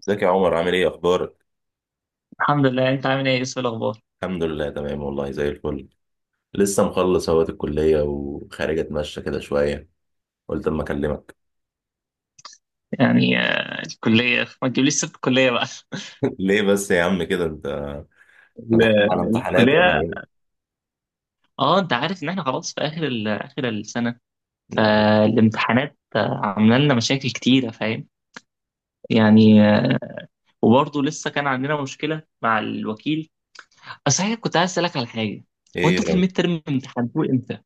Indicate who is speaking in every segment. Speaker 1: ازيك يا عمر؟ عامل ايه، اخبارك؟
Speaker 2: الحمد لله، انت عامل ايه؟ ايه الاخبار؟
Speaker 1: الحمد لله، تمام والله، زي الفل. لسه مخلص اهوت الكليه، وخارج اتمشى كده شويه. قلت اما اكلمك.
Speaker 2: يعني الكليه ما تجيبليش سيره الكليه بقى.
Speaker 1: ليه بس يا عم كده انت؟ احنا
Speaker 2: ال-
Speaker 1: داخلين على امتحانات ولا
Speaker 2: الكليه.
Speaker 1: ايه؟
Speaker 2: اه، انت عارف ان احنا خلاص في اخر اخر السنه.
Speaker 1: مم.
Speaker 2: فالامتحانات عامله لنا مشاكل كتيره، فاهم؟ يعني وبرضه لسه كان عندنا مشكله مع الوكيل. صحيح كنت عايز اسالك على حاجه.
Speaker 1: ايه يا
Speaker 2: وانتوا في
Speaker 1: رب؟
Speaker 2: الميد ترم امتحنتوه امتى؟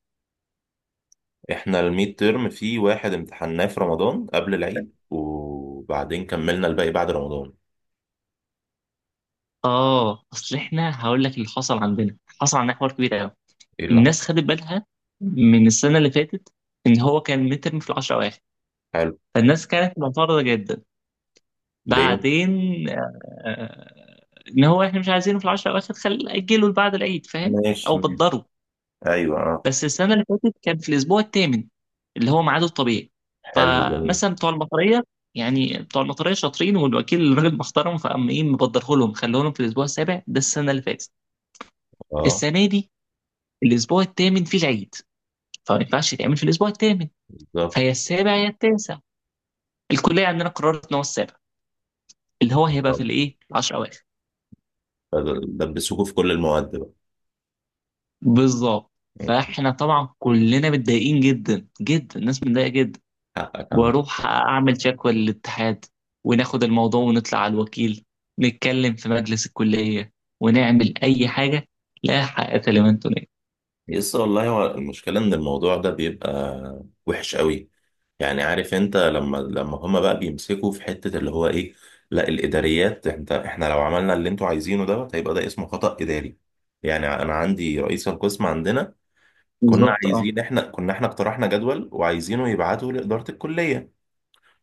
Speaker 1: احنا الميد تيرم في واحد، امتحناه في رمضان قبل العيد، وبعدين كملنا الباقي بعد رمضان.
Speaker 2: اه، اصل احنا هقول لك اللي حصل عندنا حوار كبير قوي.
Speaker 1: ايه اللي
Speaker 2: الناس
Speaker 1: حصل؟
Speaker 2: خدت بالها من السنه اللي فاتت ان هو كان الميد ترم في العشرة اواخر.
Speaker 1: حلو.
Speaker 2: فالناس كانت معترضة جدا.
Speaker 1: ليه؟
Speaker 2: بعدين آه، ان هو احنا مش عايزينه في العشر الاواخر، خل اجله لبعد العيد، فاهم؟
Speaker 1: ماشي.
Speaker 2: او بتضره.
Speaker 1: ايوه، اه.
Speaker 2: بس السنة اللي فاتت كان في الاسبوع الثامن، اللي هو ميعاده الطبيعي.
Speaker 1: حلو جميل.
Speaker 2: فمثلا بتوع المطرية، يعني بتوع المطرية شاطرين، والوكيل راجل محترم، فقام ايه مبدره لهم، خلوه لهم في الاسبوع السابع ده السنة اللي فاتت.
Speaker 1: اه،
Speaker 2: السنة دي الاسبوع الثامن فيه العيد، فما ينفعش يتعمل في الاسبوع الثامن.
Speaker 1: بالظبط.
Speaker 2: فهي السابع يا التاسع. الكلية عندنا قررت ان هو السابع، اللي هو هيبقى في
Speaker 1: آه.
Speaker 2: الايه 10.
Speaker 1: دبسوكوا في كل المواد بقى.
Speaker 2: بالظبط.
Speaker 1: مم.
Speaker 2: فاحنا طبعا كلنا متضايقين جدا جدا، الناس متضايقه جدا.
Speaker 1: حقك يا عم.
Speaker 2: واروح اعمل شكوى للاتحاد، وناخد الموضوع ونطلع على الوكيل، نتكلم في مجلس الكليه، ونعمل اي حاجه. لا حق لمن تنال.
Speaker 1: يس والله، هو المشكلة إن الموضوع ده بيبقى وحش قوي. يعني عارف أنت، لما هما بقى بيمسكوا في حتة اللي هو إيه. لا الإداريات، أنت إحنا لو عملنا اللي أنتوا عايزينه دوت، هيبقى ده اسمه خطأ إداري. يعني أنا عندي رئيس القسم عندنا. كنا
Speaker 2: بالظبط، اه.
Speaker 1: عايزين، إحنا كنا، إحنا اقترحنا جدول وعايزينه يبعته لإدارة الكلية.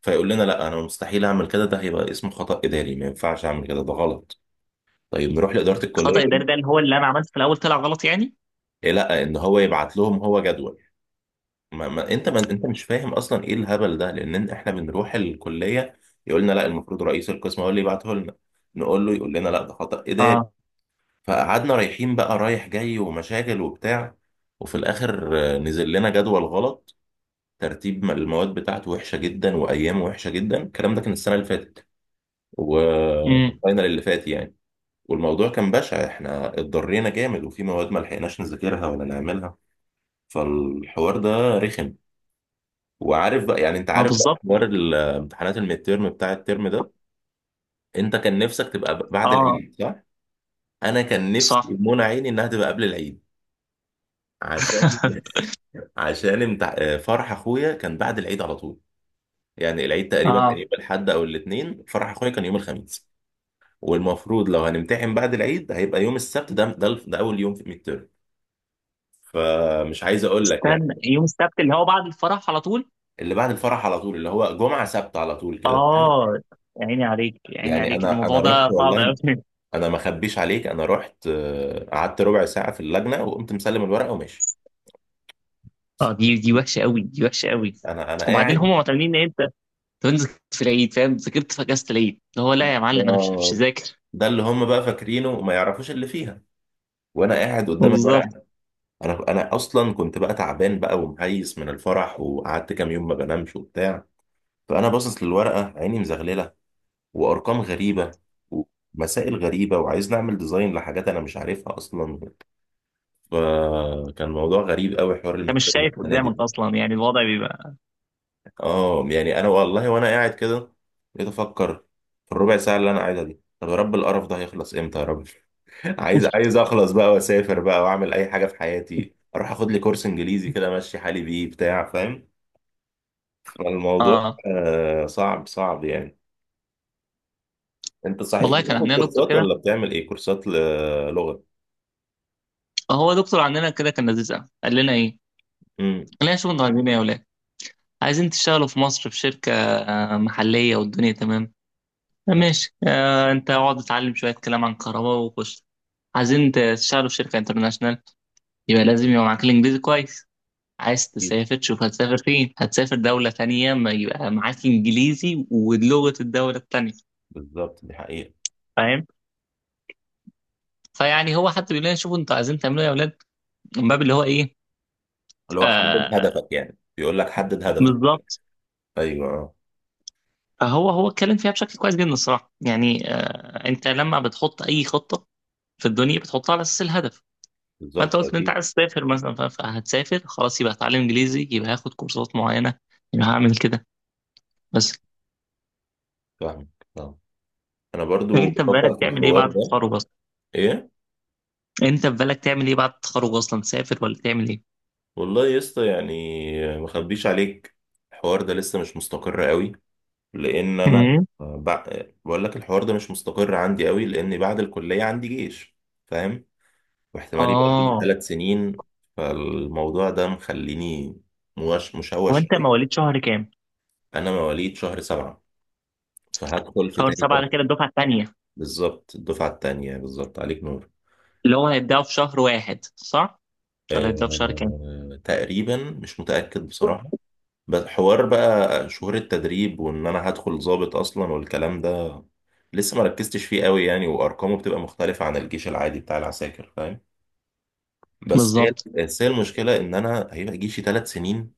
Speaker 1: فيقول لنا لا، أنا مستحيل أعمل كده، ده هيبقى اسمه خطأ إداري، ما ينفعش أعمل كده، ده غلط. طيب، نروح لإدارة
Speaker 2: خطأ
Speaker 1: الكلية.
Speaker 2: اداري ده اللي هو اللي انا عملته في الاول طلع غلط يعني؟
Speaker 1: إيه لا، إن هو يبعت لهم هو جدول. ما ما انت ما انت مش فاهم اصلا ايه الهبل ده، لان احنا بنروح الكليه. يقول لنا لا، المفروض رئيس القسم هو اللي يبعته لنا. نقول له، يقول لنا لا، ده خطأ اداري.
Speaker 2: اه.
Speaker 1: فقعدنا رايحين بقى، رايح جاي ومشاكل وبتاع. وفي الاخر، نزل لنا جدول غلط. ترتيب المواد بتاعته وحشه جدا، وايامه وحشه جدا. الكلام ده كان السنه اللي فاتت،
Speaker 2: امم.
Speaker 1: والفاينل اللي فات يعني. والموضوع كان بشع، احنا اتضرينا جامد، وفي مواد ما لحقناش نذاكرها ولا نعملها. فالحوار ده رخم. وعارف بقى، يعني انت
Speaker 2: ما
Speaker 1: عارف بقى
Speaker 2: بالظبط.
Speaker 1: حوار الامتحانات الميد تيرم بتاع الترم ده. انت كان نفسك تبقى بعد
Speaker 2: اه،
Speaker 1: العيد، صح؟ انا كان نفسي
Speaker 2: صح.
Speaker 1: منى عيني انها تبقى قبل العيد. عشان عشان فرح اخويا كان بعد العيد على طول. يعني العيد تقريبا كان
Speaker 2: اه.
Speaker 1: يوم الاحد او الاثنين، فرح اخويا كان يوم الخميس. والمفروض لو هنمتحن بعد العيد هيبقى يوم السبت، ده اول يوم في الميد تيرم. فمش عايز اقول لك يعني.
Speaker 2: استنى، يوم السبت اللي هو بعد الفرح على طول.
Speaker 1: اللي بعد الفرح على طول، اللي هو جمعه سبت على طول كده.
Speaker 2: اه، يا عيني عليك، يا عيني
Speaker 1: يعني،
Speaker 2: عليك،
Speaker 1: انا
Speaker 2: الموضوع
Speaker 1: انا رحت
Speaker 2: ده صعب
Speaker 1: والله.
Speaker 2: قوي.
Speaker 1: انا ما اخبيش عليك، انا رحت، قعدت ربع ساعه في اللجنه، وقمت مسلم الورقه وماشي.
Speaker 2: اه، دي وحشه قوي، دي وحشه قوي.
Speaker 1: انا
Speaker 2: وبعدين هم
Speaker 1: قاعد.
Speaker 2: معتمدين ان انت تنزل في العيد، فاهم؟ ذاكرت في اجازه العيد؟ اللي هو لا يا معلم، انا مش
Speaker 1: آه،
Speaker 2: هذاكر.
Speaker 1: ده اللي هم بقى فاكرينه وما يعرفوش اللي فيها. وانا قاعد قدام
Speaker 2: بالظبط.
Speaker 1: الورقه. انا اصلا كنت بقى تعبان بقى، ومهيس من الفرح، وقعدت كام يوم ما بنامش وبتاع. فانا باصص للورقه، عيني مزغلله، وارقام غريبه، ومسائل غريبه، وعايز نعمل ديزاين لحاجات انا مش عارفها اصلا. فكان موضوع غريب قوي، حوار
Speaker 2: انت مش
Speaker 1: الميدتيرم
Speaker 2: شايف
Speaker 1: السنه
Speaker 2: قدامك
Speaker 1: دي.
Speaker 2: اصلا، يعني الوضع بيبقى.
Speaker 1: اه، يعني انا والله وانا قاعد كده بقيت افكر في الربع ساعه اللي انا قاعدها دي، طب يا رب، القرف ده هيخلص امتى يا رب؟ عايز عايز اخلص بقى، واسافر بقى، واعمل اي حاجه في حياتي، اروح اخد لي كورس انجليزي كده، امشي حالي بيه بتاع، فاهم؟ فالموضوع،
Speaker 2: اه.
Speaker 1: صعب صعب يعني. انت صحيح
Speaker 2: والله كان
Speaker 1: بتاخد
Speaker 2: عندنا دكتور
Speaker 1: كورسات
Speaker 2: كده،
Speaker 1: ولا بتعمل ايه؟ كورسات لغه.
Speaker 2: هو دكتور عندنا كده كان لذيذ قوي، قال لنا ايه،
Speaker 1: امم.
Speaker 2: قال لنا شوفوا انتوا عايزين ايه يا ولاد، عايزين تشتغلوا في مصر في شركه محليه والدنيا تمام، ماشي، آه، انت اقعد اتعلم شويه كلام عن كهرباء وخش. عايزين تشتغلوا في شركه انترناشونال، يبقى لازم يبقى معاك الانجليزي كويس. عايز
Speaker 1: أكيد.
Speaker 2: تسافر، شوف هتسافر فين، هتسافر دولة تانية، ما يبقى معاك إنجليزي ولغة الدولة التانية،
Speaker 1: بالظبط، دي حقيقه.
Speaker 2: فاهم؟ فيعني هو حتى بيقول لنا شوفوا أنتوا عايزين تعملوا إيه يا أولاد، من باب اللي هو إيه.
Speaker 1: اللي هو حدد
Speaker 2: آه،
Speaker 1: هدفك، يعني بيقول لك حدد هدفك.
Speaker 2: بالظبط.
Speaker 1: ايوه، آه.
Speaker 2: فهو اتكلم فيها بشكل كويس جدا الصراحة، يعني آه، أنت لما بتحط أي خطة في الدنيا بتحطها على أساس الهدف.
Speaker 1: بالظبط
Speaker 2: فأنت قلت إن أنت
Speaker 1: اكيد.
Speaker 2: عايز تسافر مثلا، فهتسافر خلاص، يبقى هتعلم إنجليزي، يبقى هاخد كورسات معينة، يبقى هعمل كده. بس
Speaker 1: فاهمك. آه. انا برضو
Speaker 2: أنت في
Speaker 1: بفكر
Speaker 2: بالك
Speaker 1: في
Speaker 2: تعمل إيه
Speaker 1: الحوار
Speaker 2: بعد
Speaker 1: ده.
Speaker 2: التخرج؟
Speaker 1: ايه؟
Speaker 2: انت في بالك تعمل ايه بعد التخرج اصلا؟ تسافر ولا تعمل ايه؟
Speaker 1: والله يا اسطى يعني، ما اخبيش عليك، الحوار ده لسه مش مستقر قوي، لان انا
Speaker 2: امم.
Speaker 1: بع... بقول لك الحوار ده مش مستقر عندي قوي، لان بعد الكليه عندي جيش، فاهم؟ واحتمال يبقى جيش
Speaker 2: اه.
Speaker 1: 3 سنين. فالموضوع ده مخليني مش
Speaker 2: هو
Speaker 1: مشوش
Speaker 2: انت
Speaker 1: قوي.
Speaker 2: مواليد شهر كام؟
Speaker 1: انا مواليد شهر سبعة، فهدخل في
Speaker 2: شهر
Speaker 1: تاني
Speaker 2: سبعة ده
Speaker 1: تلاتة.
Speaker 2: كده الدفعة التانية.
Speaker 1: بالظبط، الدفعة التانية بالظبط، عليك نور.
Speaker 2: اللي هو هيبداوا في شهر واحد، صح؟ ولا الدفعة في شهر كام؟
Speaker 1: تقريبا مش متأكد بصراحة. بس حوار بقى شهور التدريب، وان انا هدخل ضابط اصلا، والكلام ده لسه ما ركزتش فيه قوي يعني، وارقامه بتبقى مختلفة عن الجيش العادي بتاع العساكر، فاهم؟ بس هي
Speaker 2: بالظبط.
Speaker 1: بس هي المشكلة ان انا هيبقى جيشي 3 سنين.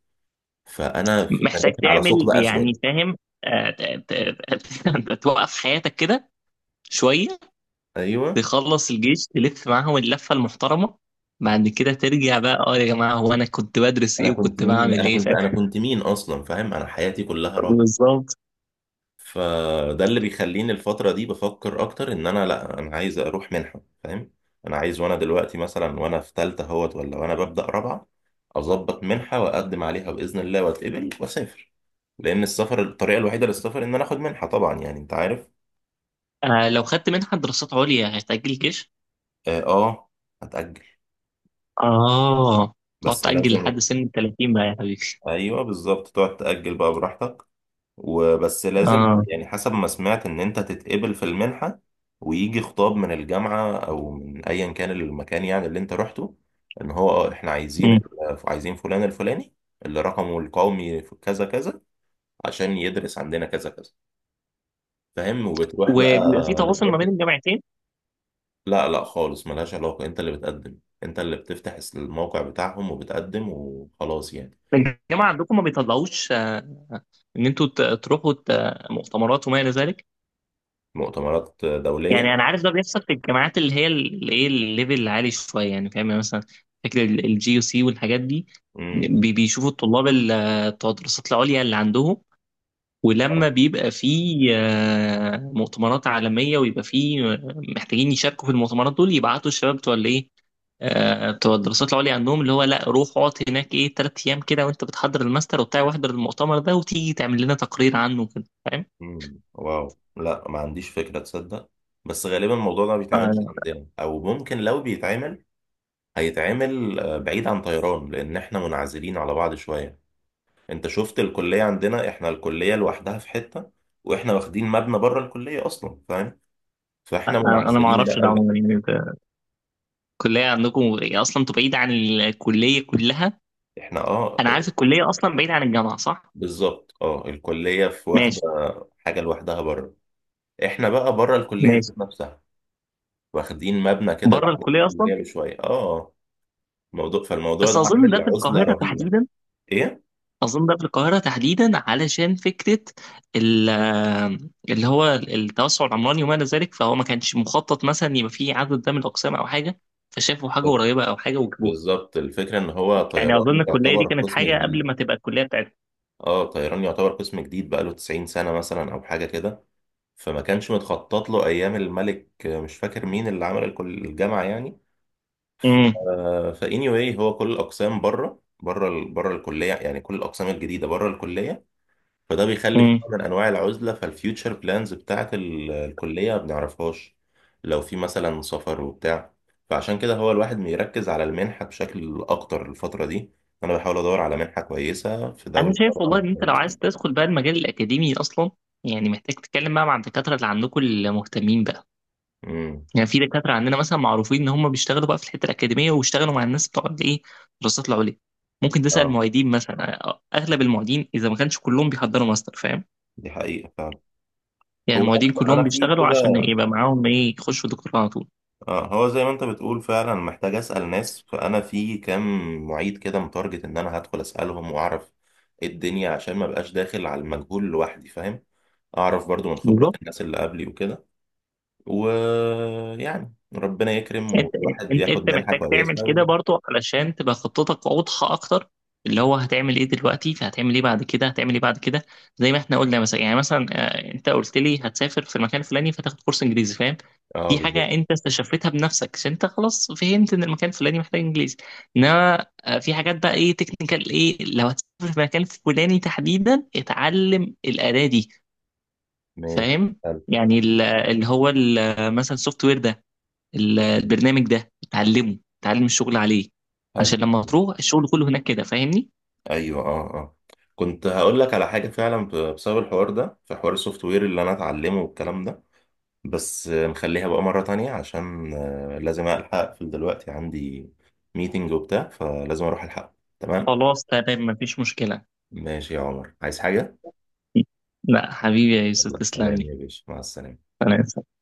Speaker 1: فانا، في، انا
Speaker 2: محتاج
Speaker 1: داخل على ثقب
Speaker 2: تعمل يعني،
Speaker 1: اسود.
Speaker 2: فاهم؟ توقف حياتك كده شوية.
Speaker 1: ايوه.
Speaker 2: تخلص الجيش، تلف معاهم اللفة المحترمة، بعد كده ترجع بقى، اه يا جماعة، هو أنا كنت بدرس
Speaker 1: انا
Speaker 2: إيه
Speaker 1: كنت
Speaker 2: وكنت
Speaker 1: مين؟
Speaker 2: بعمل
Speaker 1: انا
Speaker 2: إيه،
Speaker 1: كنت
Speaker 2: فاهم؟
Speaker 1: انا كنت مين اصلا؟ فاهم؟ انا حياتي كلها.
Speaker 2: بالظبط.
Speaker 1: فده اللي بيخليني الفترة دي بفكر أكتر، إن أنا لأ، أنا عايز أروح منحة، فاهم؟ أنا عايز، وأنا دلوقتي مثلا وأنا في تالتة أهوت، ولا وأنا ببدأ رابعة، أظبط منحة وأقدم عليها بإذن الله وأتقبل وأسافر. لأن السفر، الطريقة الوحيدة للسفر إن أنا آخد منحة، طبعا يعني أنت عارف.
Speaker 2: آه، لو خدت منحة دراسات عليا هتأجل الجيش.
Speaker 1: آه، آه، هتأجل.
Speaker 2: اه، تقعد
Speaker 1: بس
Speaker 2: تأجل لحد
Speaker 1: لازم.
Speaker 2: سن ال 30 بقى يا حبيبي.
Speaker 1: أيوه، بالظبط، تقعد تأجل بقى براحتك. وبس لازم
Speaker 2: اه.
Speaker 1: يعني، حسب ما سمعت ان انت تتقبل في المنحة، ويجي خطاب من الجامعة او من ايا كان المكان، يعني اللي انت رحته. ان هو، اه احنا عايزين
Speaker 2: مم.
Speaker 1: عايزين فلان الفلاني، اللي رقمه القومي في كذا كذا، عشان يدرس عندنا كذا كذا، فاهم؟ وبتروح بقى
Speaker 2: وبيبقى في تواصل ما بين
Speaker 1: لإدارة-
Speaker 2: الجامعتين.
Speaker 1: لا لا خالص، ملهاش علاقة، انت اللي بتقدم، انت اللي بتفتح الموقع بتاعهم وبتقدم وخلاص يعني.
Speaker 2: الجامعة عندكم ما بيطلعوش ان انتوا تروحوا مؤتمرات وما الى ذلك؟
Speaker 1: مؤتمرات
Speaker 2: يعني
Speaker 1: دولية.
Speaker 2: انا عارف ده بيحصل في الجامعات اللي هي اللي ايه الليفل العالي شوية، يعني فاهم، يعني مثلا فكرة الجي يو سي والحاجات دي.
Speaker 1: امم.
Speaker 2: بيشوفوا الطلاب بتوع الدراسات العليا اللي عندهم. ولما بيبقى فيه مؤتمرات عالمية، ويبقى فيه محتاجين يشاركوا في المؤتمرات دول، يبعتوا الشباب بتوع الايه، بتوع الدراسات العليا عندهم، اللي هو لا روح اقعد هناك ايه 3 ايام كده وانت بتحضر الماستر وبتاع، واحضر المؤتمر ده وتيجي تعمل لنا تقرير عنه كده، فاهم؟
Speaker 1: مم. واو، لا ما عنديش فكرة، تصدق. بس غالبا الموضوع ده ما بيتعملش عندنا، او ممكن لو بيتعمل هيتعمل، بعيد عن طيران، لان احنا منعزلين على بعض شوية. انت شفت الكلية عندنا، احنا الكلية لوحدها في حتة، واحنا واخدين مبنى بره الكلية اصلا، فاهم؟ فاحنا
Speaker 2: انا ما
Speaker 1: منعزلين. لا
Speaker 2: اعرفش ده
Speaker 1: لا.
Speaker 2: عموما، يعني أنت الكلية عندكم إيه؟ اصلا انتوا بعيد عن الكلية كلها.
Speaker 1: احنا، اه،
Speaker 2: انا عارف الكلية اصلا بعيد عن الجامعة، صح؟
Speaker 1: بالظبط، اه، الكلية في واخدة
Speaker 2: ماشي.
Speaker 1: حاجة لوحدها بره. احنا بقى بره الكلية
Speaker 2: ماشي.
Speaker 1: ذات نفسها، واخدين مبنى كده
Speaker 2: بره
Speaker 1: بعد
Speaker 2: الكلية اصلا.
Speaker 1: الكلية بشوية، اه. موضوع، فالموضوع
Speaker 2: بس
Speaker 1: ده
Speaker 2: اظن ده
Speaker 1: عامل
Speaker 2: في
Speaker 1: عزلة
Speaker 2: القاهرة
Speaker 1: رهيبة.
Speaker 2: تحديدا.
Speaker 1: ايه؟
Speaker 2: اظن ده في القاهره تحديدا علشان فكره ال- اللي هو التوسع العمراني وما الى ذلك، فهو ما كانش مخطط مثلا يبقى فيه عدد ده من الاقسام او حاجه، فشافوا حاجه قريبه او حاجه وجابوها.
Speaker 1: بالظبط، الفكرة ان هو
Speaker 2: يعني اظن
Speaker 1: طيران
Speaker 2: الكليه دي
Speaker 1: يعتبر
Speaker 2: كانت
Speaker 1: قسم
Speaker 2: حاجه قبل
Speaker 1: جديد.
Speaker 2: ما تبقى الكليه بتاعتنا.
Speaker 1: اه، طيران يعتبر قسم جديد بقاله 90 سنة مثلا او حاجة كده. فما كانش متخطط له ايام الملك، مش فاكر مين اللي عمل الجامعة يعني. ف
Speaker 2: امم.
Speaker 1: فاني واي، هو كل الاقسام بره، بره الكلية، يعني كل الاقسام الجديدة بره الكلية. فده بيخلي في
Speaker 2: امم.
Speaker 1: نوع من انواع العزله، فالفيوتشر بلانز بتاعت الكليه ما بنعرفهاش. لو في مثلا سفر وبتاع، فعشان كده هو الواحد بيركز على المنحه بشكل اكتر الفتره دي. انا بحاول ادور على منحه كويسه في
Speaker 2: انا
Speaker 1: دوله
Speaker 2: شايف والله
Speaker 1: طبعا
Speaker 2: ان انت لو عايز
Speaker 1: كويسه.
Speaker 2: تدخل بقى المجال الاكاديمي اصلا، يعني محتاج تتكلم بقى مع الدكاتره اللي عندكم المهتمين بقى.
Speaker 1: امم.
Speaker 2: يعني في دكاترة عندنا مثلا معروفين إن هم بيشتغلوا بقى في الحتة الأكاديمية، واشتغلوا مع الناس بتوع الإيه، الدراسات العليا. ممكن تسأل
Speaker 1: اه،
Speaker 2: معيدين مثلا. أغلب المعيدين إذا ما كانش كلهم بيحضروا ماستر، فاهم؟
Speaker 1: دي حقيقه فعلا.
Speaker 2: يعني
Speaker 1: هو
Speaker 2: المعيدين
Speaker 1: انا
Speaker 2: كلهم
Speaker 1: أنا في
Speaker 2: بيشتغلوا
Speaker 1: كده.
Speaker 2: عشان يبقى معاهم إيه، يخشوا دكتوراه على طول.
Speaker 1: اه، هو زي ما انت بتقول فعلا، محتاج اسال ناس. فانا في كام معيد كده متارجت ان انا هدخل اسالهم واعرف ايه الدنيا، عشان ما بقاش داخل على المجهول لوحدي، فاهم؟ اعرف برضو من خبرات
Speaker 2: بالظبط.
Speaker 1: الناس اللي قبلي وكده. ويعني ربنا يكرم،
Speaker 2: أنت
Speaker 1: والواحد
Speaker 2: أنت
Speaker 1: ياخد
Speaker 2: أنت
Speaker 1: منحة
Speaker 2: محتاج تعمل
Speaker 1: كويسة
Speaker 2: كده
Speaker 1: و...
Speaker 2: برضو علشان تبقى خطتك واضحة أكتر. اللي هو هتعمل إيه دلوقتي، فهتعمل إيه بعد كده، هتعمل إيه بعد كده. زي ما إحنا قلنا مثلا، يعني مثلا أنت قلت لي هتسافر في المكان الفلاني، فتاخد كورس إنجليزي، فاهم؟
Speaker 1: اه،
Speaker 2: دي حاجة
Speaker 1: بالظبط.
Speaker 2: انت استشفتها بنفسك عشان انت خلاص فهمت ان المكان الفلاني محتاج انجليزي. انما في حاجات بقى ايه تكنيكال، ايه لو هتسافر في مكان فلاني تحديدا، اتعلم الأداة دي،
Speaker 1: ماشي،
Speaker 2: فاهم؟
Speaker 1: حلو،
Speaker 2: يعني اللي هو مثلا السوفت وير ده، البرنامج ده اتعلمه، اتعلم الشغل عليه.
Speaker 1: حلو،
Speaker 2: عشان لما تروح الشغل كله هناك كده، فاهمني؟
Speaker 1: ايوه، اه، اه. كنت هقول لك على حاجة فعلا، بسبب الحوار ده، في حوار السوفت وير اللي انا اتعلمه والكلام ده. بس، نخليها بقى مرة تانية، عشان لازم ألحق أقفل دلوقتي، عندي ميتنج وبتاع، فلازم أروح ألحق، تمام.
Speaker 2: خلاص، تمام، مفيش مشكلة.
Speaker 1: ماشي يا عمر، عايز حاجة؟
Speaker 2: لا حبيبي يا يوسف،
Speaker 1: يلا
Speaker 2: تسلم
Speaker 1: سلام
Speaker 2: لي.
Speaker 1: يا باشا، مع السلامة.
Speaker 2: سلام.